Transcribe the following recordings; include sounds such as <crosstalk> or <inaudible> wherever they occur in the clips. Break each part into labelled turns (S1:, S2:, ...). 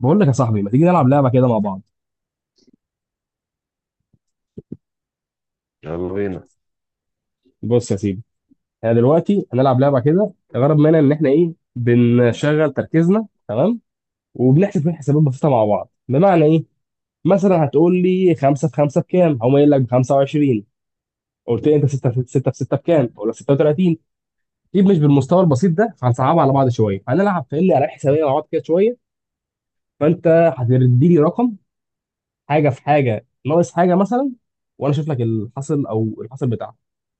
S1: بقول لك يا صاحبي، ما تيجي نلعب لعبه كده مع بعض؟
S2: يلا بينا.
S1: بص يا سيدي، احنا دلوقتي هنلعب لعبه كده الغرض منها ان احنا ايه بنشغل تركيزنا، تمام؟ وبنحسب فيه حسابات بسيطه مع بعض. بمعنى ايه؟ مثلا هتقول لي 5 في 5 بكام، هقوم قايل لك ب 25. قلت لي انت 6 في 6 في 6 بكام، اقول لك 36. دي مش بالمستوى البسيط ده فهنصعبها على بعض شويه، هنلعب فاهمني على حسابيه مع بعض كده شويه. فانت هتديني رقم، حاجه في حاجه ناقص حاجه مثلا، وانا اشوف لك الحاصل او الحاصل بتاعها،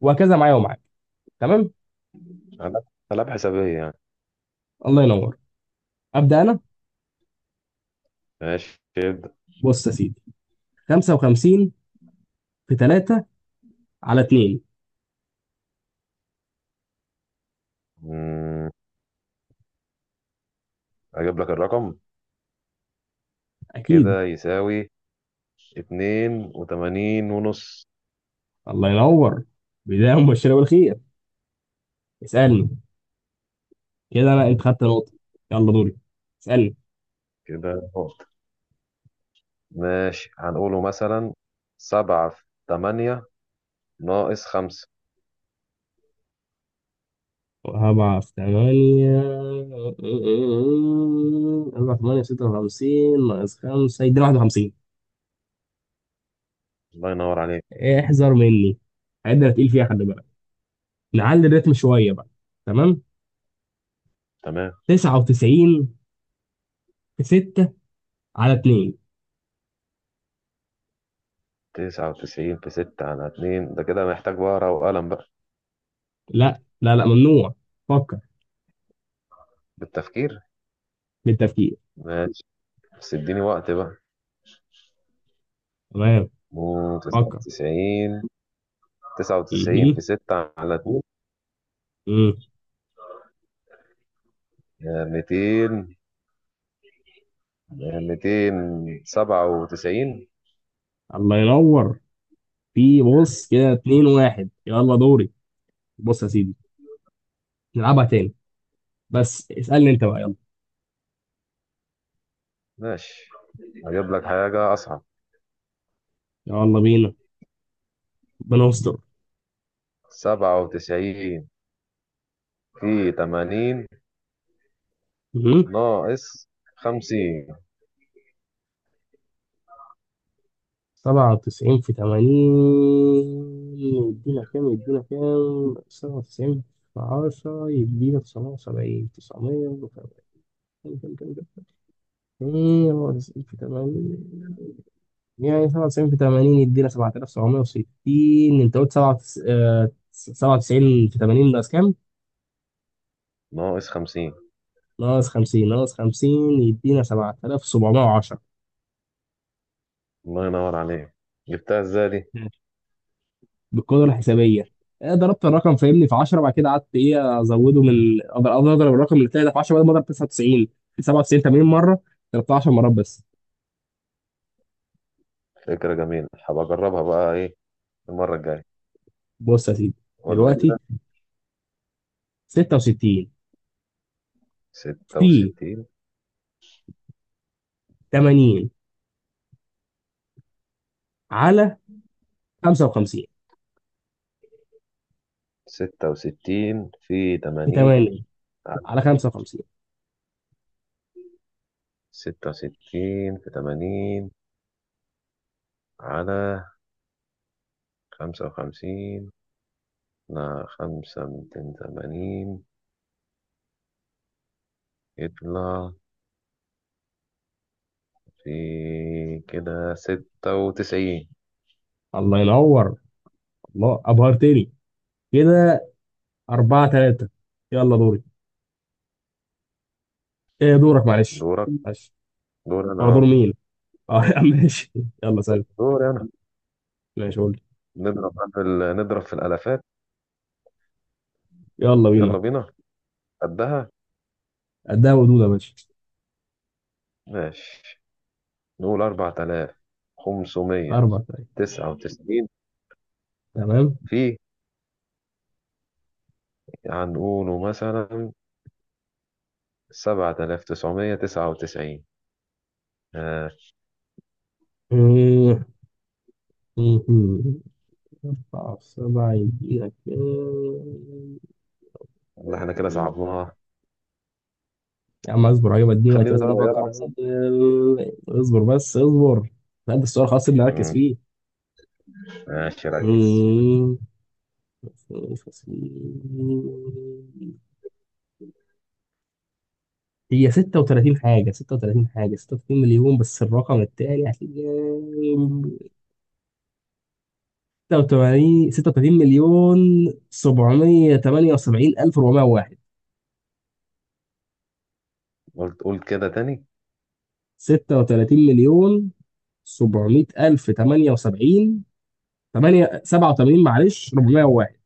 S1: وهكذا معايا ومعاك. تمام؟
S2: ألعاب ألعاب حسابية يعني.
S1: الله ينور. ابدا انا.
S2: ماشي، ابدأ.
S1: بص يا سيدي، 55 في 3 على 2.
S2: مم، أجيب لك الرقم،
S1: اكيد.
S2: كده يساوي 82.5.
S1: الله ينور، بدايه مبشره بالخير. اسالني. كده انا انت خدت نقطه، يلا دوري، اسالني.
S2: كده نقط. ماشي، هنقوله مثلا سبعة في تمانية ناقص خمسة.
S1: أربعة في تمانية. أربعة في تمانية ستة وخمسين، ناقص خمسة يدينا واحد وخمسين.
S2: الله ينور عليك.
S1: احذر مني، الحاجات دي أنا تقيل فيها، خلي بالك. نعلي الريتم شوية بقى. تمام.
S2: تمام،
S1: تسعة وتسعين في ستة على اتنين.
S2: 99 في ستة على اتنين ده كده محتاج ورقة وقلم بقى.
S1: لا لا لا، ممنوع، فكر.
S2: بالتفكير.
S1: بالتفكير.
S2: ماشي، بس اديني وقت بقى.
S1: تمام.
S2: تسعة
S1: فكر.
S2: وتسعين 99
S1: ايه؟
S2: في ستة على اتنين،
S1: ايه؟
S2: يعني 200، 200 97.
S1: الله ينور. في بص كده اتنين واحد، يلا دوري. بص يا سيدي، نلعبها تاني، بس اسألني انت بقى، يلا.
S2: ماشي، هجيب لك حاجة أصعب.
S1: يلا بينا. بنصدر.
S2: 97 في 80
S1: مهم.
S2: ناقص 50،
S1: سبعة وتسعين في تمانين يدينا كام؟ يدينا كام سبعة وتسعين في عشرة يدينا تسعمية وسبعين، تسعمية وسبعين. كام؟ كام؟ كام؟ كام سبعة وتسعين في تمانين؟ يعني 97 في 80 يدينا 7760. انت قلت 97 في 80 ناقص كام؟
S2: ناقص 50.
S1: ناقص 50. ناقص 50 يدينا 7710.
S2: الله ينور عليك. جبتها ازاي دي؟
S1: ماشي، بالقدرة الحسابية. ضربت الرقم فاهمني في 10، بعد كده قعدت ايه ازوده من اقدر، أقدر اضرب الرقم اللي طلع ده في 10 بدل ما اضرب 99 في 97 80 مرة، ضربتها 10 مرات بس.
S2: فكرة جميلة، هبقى أجربها بقى إيه المرة الجاية.
S1: بص يا سيدي،
S2: قول لي
S1: دلوقتي
S2: كده.
S1: 66
S2: ستة
S1: في
S2: وستين
S1: 80 على 55
S2: 66 في
S1: في
S2: 80
S1: 80
S2: على،
S1: على 55.
S2: 66 في تمانين على 55. لا، خمسة من 80، يطلع في كده 96.
S1: الله ينور، الله ابهرتني كده. أربعة ثلاثة. يلا دوري. إيه؟ دورك معلش.
S2: دورك؟
S1: معلش.
S2: دور
S1: هو
S2: أنا
S1: دور
S2: أه.
S1: مين؟ اه <laughs> يا عم ماشي، يلا سلام.
S2: دور أنا.
S1: ماشي قول لي.
S2: نضرب بقى نضرب في الألفات.
S1: يلا
S2: يلا
S1: بينا.
S2: بينا. قدها.
S1: قدها ودود يا باشا.
S2: ماشي، نقول أربعة آلاف خمسمية
S1: أربع ثلاثة.
S2: تسعة وتسعين
S1: تمام.
S2: في، هنقوله مثلا 7999. آه.
S1: مم. مم. أربعة في سبعة يدينا كام؟
S2: والله إحنا كده صعبناها.
S1: يا عم اصبر، هجيب، اديني وقتي
S2: خلينا
S1: بس انا
S2: نغيرها
S1: بفكر.
S2: أحسن.
S1: إيه، اصبر بس اصبر. لا ده السؤال خلاص اللي اركز
S2: مم،
S1: فيه.
S2: ماشي ركز.
S1: مم. هي 36 حاجة، 36 حاجة، 36 مليون، بس الرقم التاني هتلاقيه. 86 36 مليون 778 ألف 401.
S2: قلت قول كده تاني.
S1: 36 مليون 700 ألف 78 8 87 معلش 401.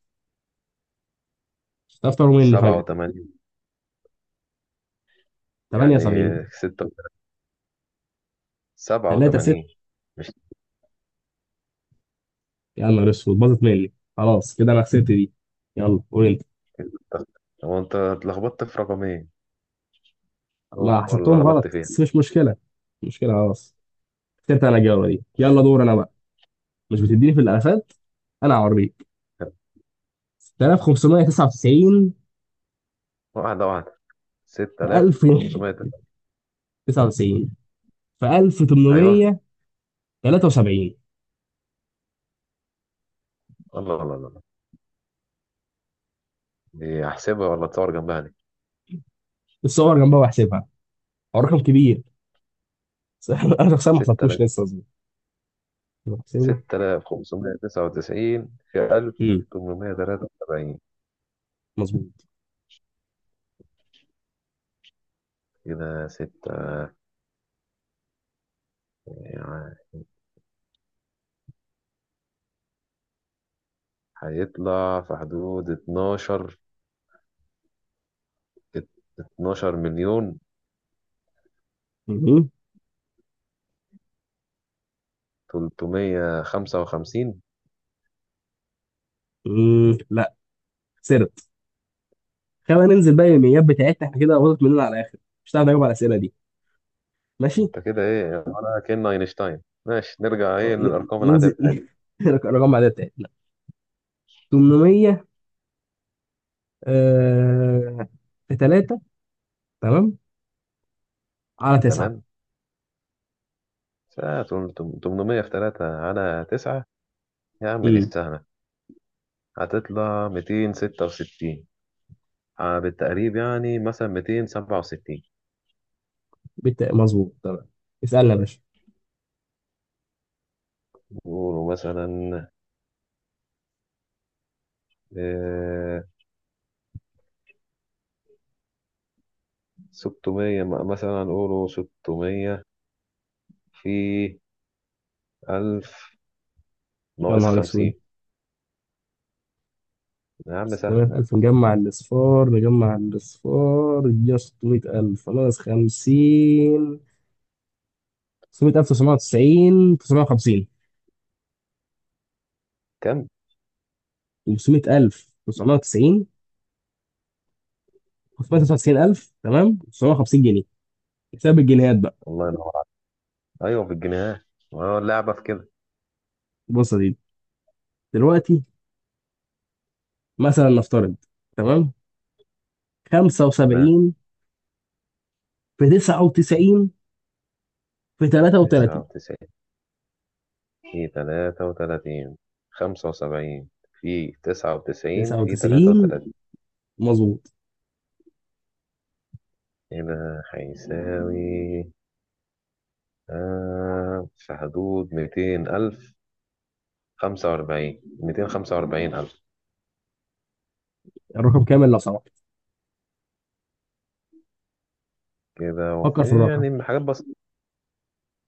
S1: تفطر مني
S2: سبعة
S1: فجأة كده.
S2: وتمانين يعني
S1: 78
S2: ستة، سبعة
S1: 3 6.
S2: وتمانين مش
S1: يا نهار اسود، باظت مني خلاص كده، أنا خسرت دي. يلا قول أنت.
S2: انت- هو انت اتلخبطت في رقمين، هو
S1: ما
S2: اللي
S1: حسبتهم
S2: غلطت
S1: غلط،
S2: فيها.
S1: بس مش مشكلة. مش مشكلة خلاص. خسرت أنا الجولة دي،
S2: ماشي.
S1: يلا دور أنا بقى. مش بتديني في الالفات؟ انا هوريك. 6599
S2: واحدة واحدة.
S1: في
S2: 6500 ده.
S1: 1099 في
S2: ايوه،
S1: 1873.
S2: الله الله الله، دي احسبها ولا تصور جنبها دي؟
S1: الصور جنبها وهحسبها. هو رقم كبير بس <laughs> انا شخصيا ما حسبتوش
S2: 6000،
S1: لسه مظبوط. بحسبه.
S2: 6599 في
S1: امم
S2: 1873،
S1: مظبوط.
S2: كده 6، يعني هيطلع في حدود 12، 12 مليون
S1: مهم.
S2: 355.
S1: مم. لا، خسرت. خلينا ننزل بقى الايميلات بتاعتنا احنا كده، باظت مننا على الاخر، مش هتعرف نجاوب على الاسئله دي. ماشي.
S2: انت كده ايه ولا كأن اينشتاين؟ ماشي نرجع ايه للارقام العادية
S1: ننزل
S2: بتاعتنا.
S1: <laughs> الارقام العاديه بتاعتنا. 800 آه... في 3، تمام، على 9.
S2: تمام. ساعة 800 في 3 على 9، يا عم دي سهلة، هتطلع 266. بالتقريب يعني مثلا 267.
S1: مظبوط تمام. اسألنا يا باشا.
S2: قولوا مثلا، آه، 600 مثلا قولوا 600 في 1000
S1: يا
S2: ناقص
S1: نهار اسود.
S2: 50. يا عم سهل.
S1: 600000، نجمع الأصفار، نجمع الأصفار يدينا 600000 ناقص 50. 600000 990 950.
S2: كم؟
S1: و600000 990. 599000 تمام 950 جنيه. حساب الجنيهات بقى.
S2: الله ينور عليك. أيوه، بالجنيه. أه، اللعبة في كده.
S1: بص يا سيدي، دلوقتي مثلا نفترض، تمام،
S2: تمام.
S1: 75 في 99 في 33.
S2: 99 في 33، 75 في 99 في
S1: 99
S2: 33
S1: مظبوط.
S2: هنا هيساوي في حدود 200000 45، 245000.
S1: الرقم كامل لو سمحت،
S2: كده
S1: فكر
S2: وفي
S1: في الرقم.
S2: يعني حاجات بسيطة،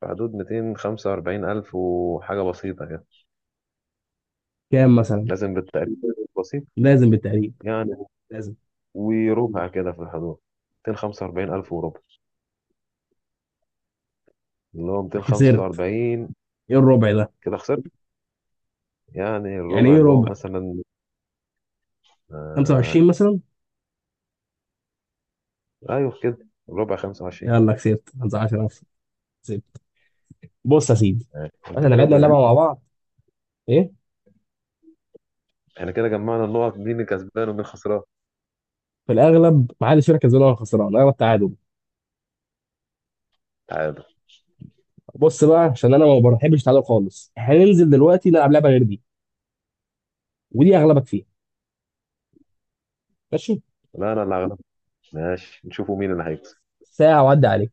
S2: في حدود 245000 وحاجة بسيطة كده.
S1: كام مثلا؟
S2: لازم بالتقريب بسيط
S1: لازم بالتقريب.
S2: يعني.
S1: لازم.
S2: وربع كده في الحدود، 245000 وربع، اللي هو ميتين خمسة
S1: خسرت.
S2: وأربعين
S1: ايه الربع ده؟
S2: كده خسرت. يعني
S1: يعني
S2: الربع
S1: ايه
S2: اللي هو
S1: ربع؟
S2: مثلا، آه
S1: 25 مثلا.
S2: أيوه كده، الربع 25.
S1: يلا كسبت 15 نفسي. كسبت. بص يا سيدي،
S2: يعني، وانت
S1: احنا
S2: كده
S1: لعبنا اللعبه مع بعض. ايه.
S2: <laughs> احنا كده جمعنا النقط، مين الكسبان ومين خسران؟
S1: في الاغلب ما حدش فينا كسبان ولا خسران، اغلب تعادل.
S2: تعادل.
S1: بص بقى عشان انا ما بحبش التعادل خالص، هننزل دلوقتي نلعب لعبه غير دي، ودي اغلبك فيها. ماشي.
S2: لا، انا اللي هغلبك. ماشي، نشوفوا مين اللي هيكسب.
S1: ساعه وعدي عليك.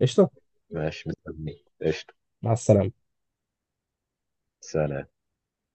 S1: قشطه.
S2: ماشي، مستني قشطة.
S1: مع السلامه.
S2: سلام.